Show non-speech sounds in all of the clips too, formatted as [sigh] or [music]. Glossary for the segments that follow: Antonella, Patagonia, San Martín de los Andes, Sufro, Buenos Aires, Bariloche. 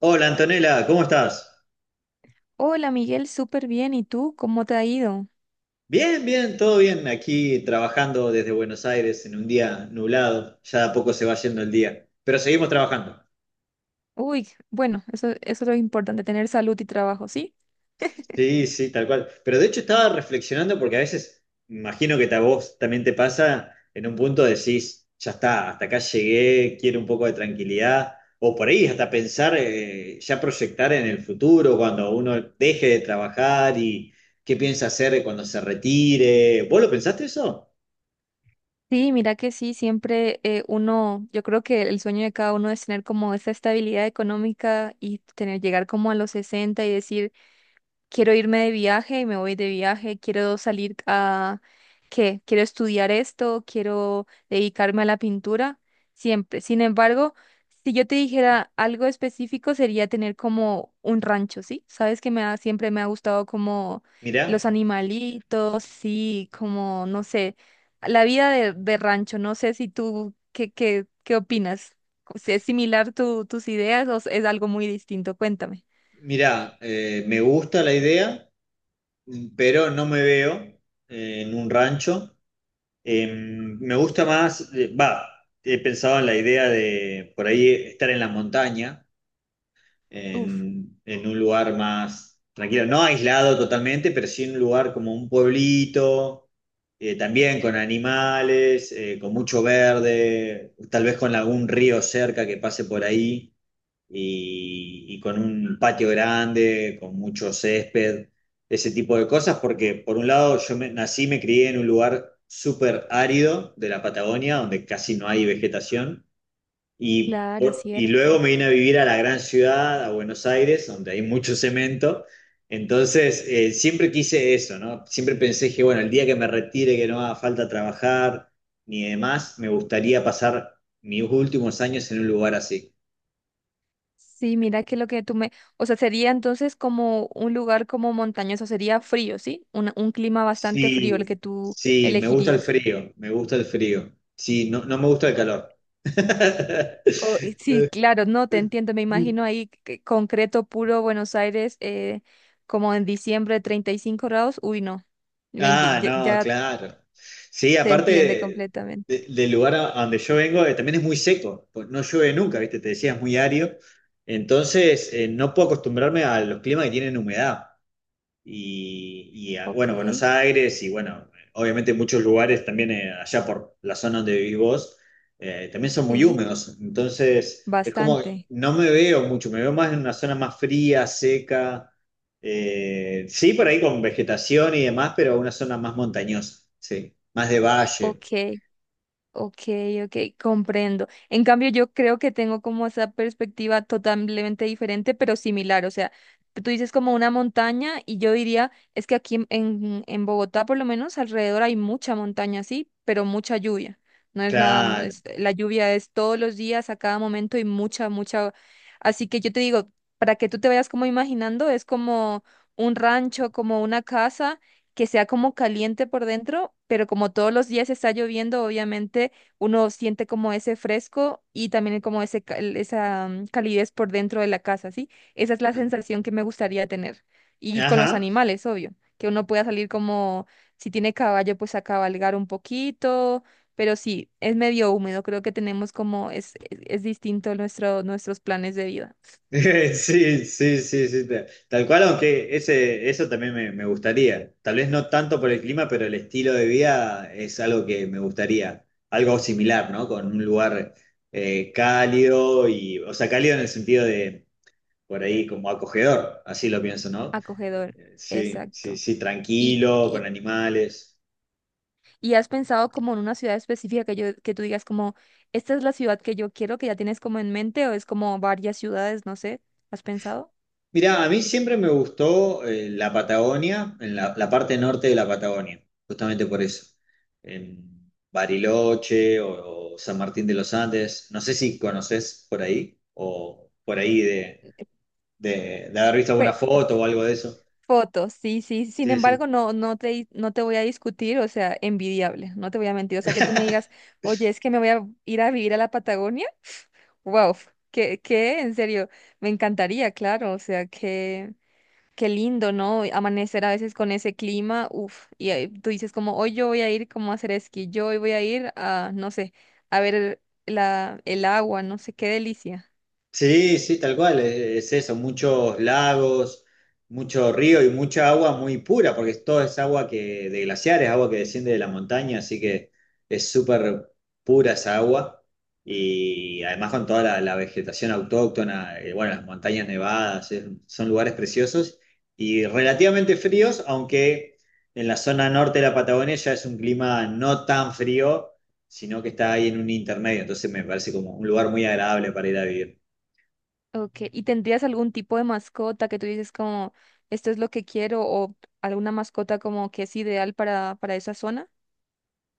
Hola Antonella, ¿cómo estás? Hola Miguel, súper bien. ¿Y tú? ¿Cómo te ha ido? Bien, bien, todo bien. Aquí trabajando desde Buenos Aires en un día nublado. Ya de a poco se va yendo el día, pero seguimos trabajando. Uy, bueno, eso es lo importante, tener salud y trabajo, ¿sí? Sí, sí, tal cual. Pero de hecho estaba reflexionando porque a veces, imagino que a vos también te pasa, en un punto decís, ya está, hasta acá llegué, quiero un poco de tranquilidad. O por ahí hasta pensar, ya proyectar en el futuro, cuando uno deje de trabajar y qué piensa hacer cuando se retire. ¿Vos lo pensaste eso? Sí, mira que sí, siempre uno, yo creo que el sueño de cada uno es tener como esa estabilidad económica y tener, llegar como a los 60 y decir, quiero irme de viaje y me voy de viaje, quiero salir a, ¿qué? Quiero estudiar esto, quiero dedicarme a la pintura, siempre. Sin embargo, si yo te dijera algo específico sería tener como un rancho, ¿sí? Sabes que siempre me ha gustado como los Mirá. animalitos, sí, como, no sé, la vida de rancho, no sé si tú, ¿qué opinas? Si ¿Es similar tus ideas o es algo muy distinto? Cuéntame. Mirá, me gusta la idea, pero no me veo en un rancho. Eh, me gusta más, he pensado en la idea de por ahí estar en la montaña, Uf, en un lugar más tranquilo, no aislado totalmente, pero sí en un lugar como un pueblito, también con animales, con mucho verde, tal vez con algún río cerca que pase por ahí y con un patio grande, con mucho césped, ese tipo de cosas, porque por un lado nací, me crié en un lugar súper árido de la Patagonia, donde casi no hay vegetación, claro, y cierto. luego me vine a vivir a la gran ciudad, a Buenos Aires, donde hay mucho cemento. Entonces, siempre quise eso, ¿no? Siempre pensé que, bueno, el día que me retire, que no haga falta trabajar ni demás, me gustaría pasar mis últimos años en un lugar así. Sí, mira que lo que tú me, o sea, sería entonces como un lugar como montañoso, sería frío, ¿sí? Un clima bastante frío el Sí, que tú sí, me gusta el elegirías. frío, me gusta el frío. Sí, no, no me gusta el O- calor. Y sí, [laughs] claro, no, te entiendo, me imagino ahí que concreto puro Buenos Aires, como en diciembre 35 grados, uy, no, Ah, ya, no, ya claro. Sí, te entiende aparte completamente. Del lugar a donde yo vengo, también es muy seco, pues no llueve nunca, ¿viste? Te decía, es muy árido. Entonces, no puedo acostumbrarme a los climas que tienen humedad. Ok, Bueno, Buenos Aires y bueno, obviamente muchos lugares también allá por la zona donde vivís vos, también son muy sí, húmedos, entonces es como que bastante. no me veo mucho, me veo más en una zona más fría, seca, sí, por ahí con vegetación y demás, pero una zona más montañosa, sí, más de valle, Ok. Ok, ok, comprendo. En cambio, yo creo que tengo como esa perspectiva totalmente diferente, pero similar. O sea, tú dices como una montaña y yo diría, es que aquí en, en Bogotá por lo menos alrededor hay mucha montaña, sí, pero mucha lluvia. No es nada, no claro. es, la lluvia es todos los días, a cada momento y mucha, mucha. Así que yo te digo, para que tú te vayas como imaginando, es como un rancho, como una casa que sea como caliente por dentro, pero como todos los días está lloviendo, obviamente uno siente como ese fresco y también como esa calidez por dentro de la casa, ¿sí? Esa es la sensación que me gustaría tener. Y con los Ajá. animales, obvio, que uno pueda salir como, si tiene caballo, pues a cabalgar un poquito, pero sí, es medio húmedo, creo que tenemos como, es distinto nuestros planes de vida. [laughs] Sí, sí, sí, sí, tal cual, aunque ese, eso también me gustaría. Tal vez no tanto por el clima, pero el estilo de vida es algo que me gustaría. Algo similar, ¿no? Con un lugar cálido y, o sea, cálido en el sentido de, por ahí, como acogedor, así lo pienso, ¿no? Acogedor, Sí, sí, exacto. sí, Y tranquilo, con animales. ¿Y has pensado como en una ciudad específica que yo, que tú digas como, esta es la ciudad que yo quiero, que ya tienes como en mente, o es como varias ciudades, no sé? ¿Has pensado? Mirá, a mí siempre me gustó la Patagonia, en la parte norte de la Patagonia, justamente por eso. En Bariloche o San Martín de los Andes, no sé si conoces por ahí o por ahí de haber visto alguna Pues, foto o algo de eso. fotos, sí, sí. Sin Sí, embargo, sí. no, no te voy a discutir, o sea, envidiable, no te voy a mentir. O sea, que tú me digas, oye, es que me voy a ir a vivir a la Patagonia. Wow, que, en serio, me encantaría, claro. O sea, que. Qué lindo, ¿no? Amanecer a veces con ese clima, uff, y ahí tú dices como, hoy yo voy a ir como a hacer esquí, yo hoy voy a ir a, no sé, a ver la, el agua, no sé, qué delicia. Sí, sí, tal cual, es eso, muchos lagos, mucho río y mucha agua muy pura, porque todo es agua que de glaciares, agua que desciende de la montaña, así que es súper pura esa agua y además con toda la vegetación autóctona, bueno, las montañas nevadas, son lugares preciosos y relativamente fríos, aunque en la zona norte de la Patagonia ya es un clima no tan frío, sino que está ahí en un intermedio, entonces me parece como un lugar muy agradable para ir a vivir. Ok, ¿y tendrías algún tipo de mascota que tú dices como, esto es lo que quiero o alguna mascota como que es ideal para esa zona?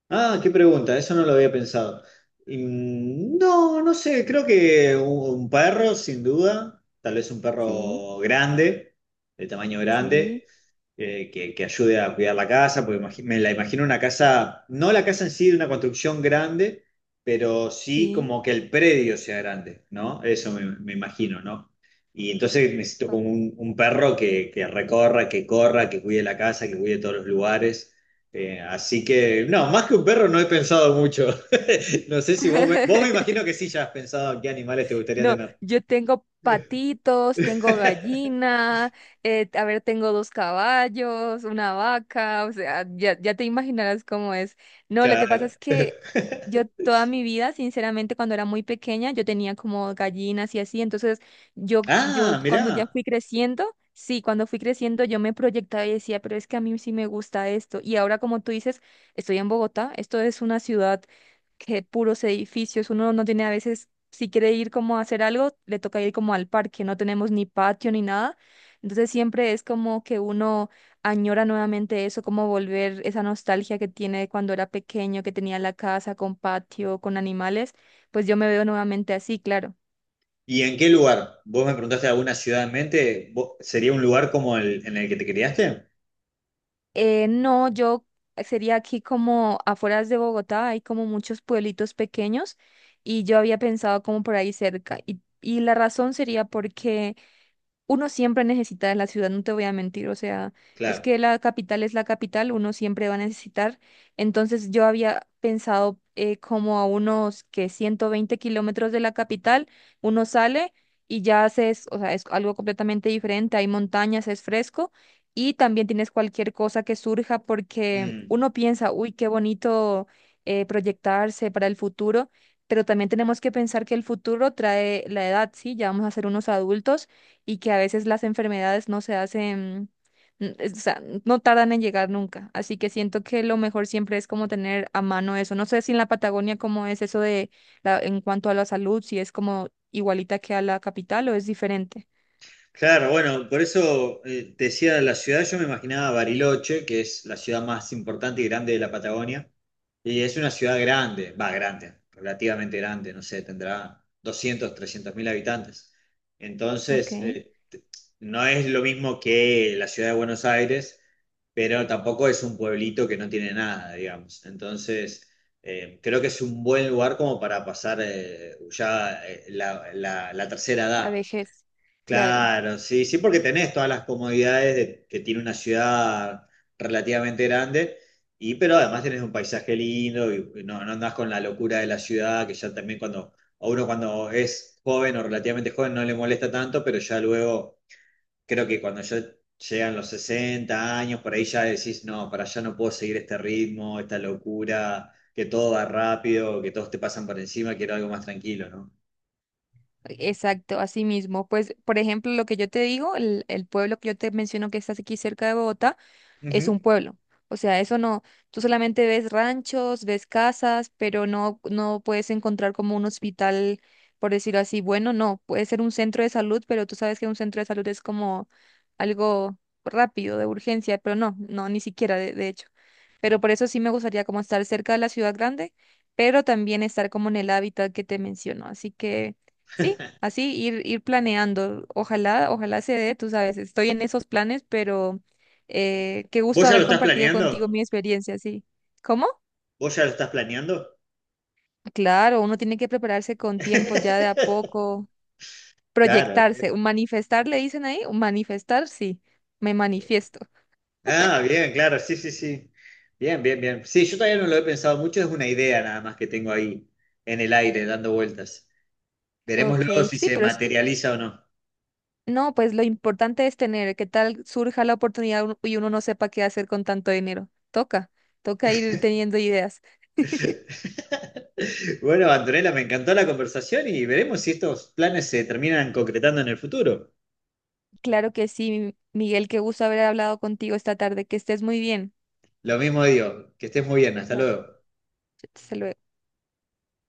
Ah, qué pregunta, eso no lo había pensado. Mm, no, no sé, creo que un perro, sin duda, tal vez un Sí, perro grande, de tamaño sí, grande, que ayude a cuidar la casa, porque me la imagino una casa, no la casa en sí de una construcción grande, pero sí sí. como que el predio sea grande, ¿no? Eso me, me imagino, ¿no? Y entonces necesito Ok. como un perro que recorra, que corra, que cuide la casa, que cuide todos los lugares. Así que, no, más que un perro no he pensado mucho. [laughs] No sé si vos, vos me [laughs] imagino que sí ya has pensado qué animales te gustaría No, tener. yo tengo patitos, tengo [laughs] gallina, a ver, tengo dos caballos, una vaca, o sea, ya, ya te imaginarás cómo es. No, lo que pasa Claro. es que yo [laughs] toda mi vida, sinceramente, cuando era muy pequeña, yo tenía como gallinas y así, entonces yo Ah, cuando ya mirá. fui creciendo, sí, cuando fui creciendo yo me proyectaba y decía, pero es que a mí sí me gusta esto. Y ahora, como tú dices, estoy en Bogotá, esto es una ciudad que puros edificios, uno no tiene a veces si quiere ir como a hacer algo, le toca ir como al parque, no tenemos ni patio ni nada. Entonces siempre es como que uno añora nuevamente eso, como volver esa nostalgia que tiene de cuando era pequeño, que tenía la casa con patio, con animales, pues yo me veo nuevamente así, claro. ¿Y en qué lugar? ¿Vos me preguntaste alguna ciudad en mente? ¿Sería un lugar como el en el que te criaste? No, yo sería aquí como afueras de Bogotá, hay como muchos pueblitos pequeños y yo había pensado como por ahí cerca. Y la razón sería porque... uno siempre necesita de la ciudad, no te voy a mentir, o sea, es Claro. que la capital es la capital, uno siempre va a necesitar. Entonces yo había pensado como a unos que 120 kilómetros de la capital, uno sale y ya haces, o sea, es algo completamente diferente, hay montañas, es fresco y también tienes cualquier cosa que surja porque Mm. uno piensa, uy, qué bonito proyectarse para el futuro. Pero también tenemos que pensar que el futuro trae la edad, ¿sí? Ya vamos a ser unos adultos y que a veces las enfermedades no se hacen, o sea, no tardan en llegar nunca. Así que siento que lo mejor siempre es como tener a mano eso. No sé si en la Patagonia cómo es eso de la, en cuanto a la salud, si es como igualita que a la capital o es diferente. Claro, bueno, por eso te decía la ciudad, yo me imaginaba Bariloche, que es la ciudad más importante y grande de la Patagonia, y es una ciudad grande, va, grande, relativamente grande, no sé, tendrá 200, 300 mil habitantes. Entonces, Ok, no es lo mismo que la ciudad de Buenos Aires, pero tampoco es un pueblito que no tiene nada, digamos. Entonces, creo que es un buen lugar como para pasar la, la tercera la edad. vejez, claro. Claro, sí, sí, porque tenés todas las comodidades que tiene una ciudad relativamente grande, y pero además tenés un paisaje lindo y no, no andás con la locura de la ciudad, que ya también cuando, a uno cuando es joven o relativamente joven no le molesta tanto, pero ya luego creo que cuando ya llegan los 60 años, por ahí ya decís, no, para allá no puedo seguir este ritmo, esta locura, que todo va rápido, que todos te pasan por encima, quiero algo más tranquilo, ¿no? Exacto, así mismo. Pues, por ejemplo, lo que yo te digo, el pueblo que yo te menciono que está aquí cerca de Bogotá, es un Ujú. pueblo. O sea, eso no, tú solamente ves ranchos, ves casas, pero no, no puedes encontrar como un hospital, por decirlo así, bueno, no, puede ser un centro de salud, pero tú sabes que un centro de salud es como algo rápido, de urgencia, pero no, no, ni siquiera, de hecho. Pero por eso sí me gustaría como estar cerca de la ciudad grande, pero también estar como en el hábitat que te menciono. Así que sí, así ir planeando. Ojalá, ojalá se dé, tú sabes, estoy en esos planes, pero qué gusto ¿Vos ya haber lo estás compartido planeando? contigo mi experiencia, sí. ¿Cómo? ¿Vos ya lo estás planeando? Claro, uno tiene que prepararse con tiempo, ya de a [laughs] poco, Claro. proyectarse, un manifestar, le dicen ahí, un manifestar, sí, me manifiesto. Ah, bien, claro, sí, sí, sí. Bien, bien, bien. Sí, yo todavía no lo he pensado mucho, es una idea nada más que tengo ahí en el aire dando vueltas. Veremos Ok, luego si sí, se pero es- materializa o no. no, pues lo importante es tener, que tal surja la oportunidad y uno no sepa qué hacer con tanto dinero. Toca, toca ir teniendo ideas. [laughs] Bueno, Antonella, me encantó la conversación y veremos si estos planes se terminan concretando en el futuro. Claro que sí, Miguel, qué gusto haber hablado contigo esta tarde, que estés muy bien. Lo mismo digo, que estés muy bien, hasta Vale, luego. hasta luego.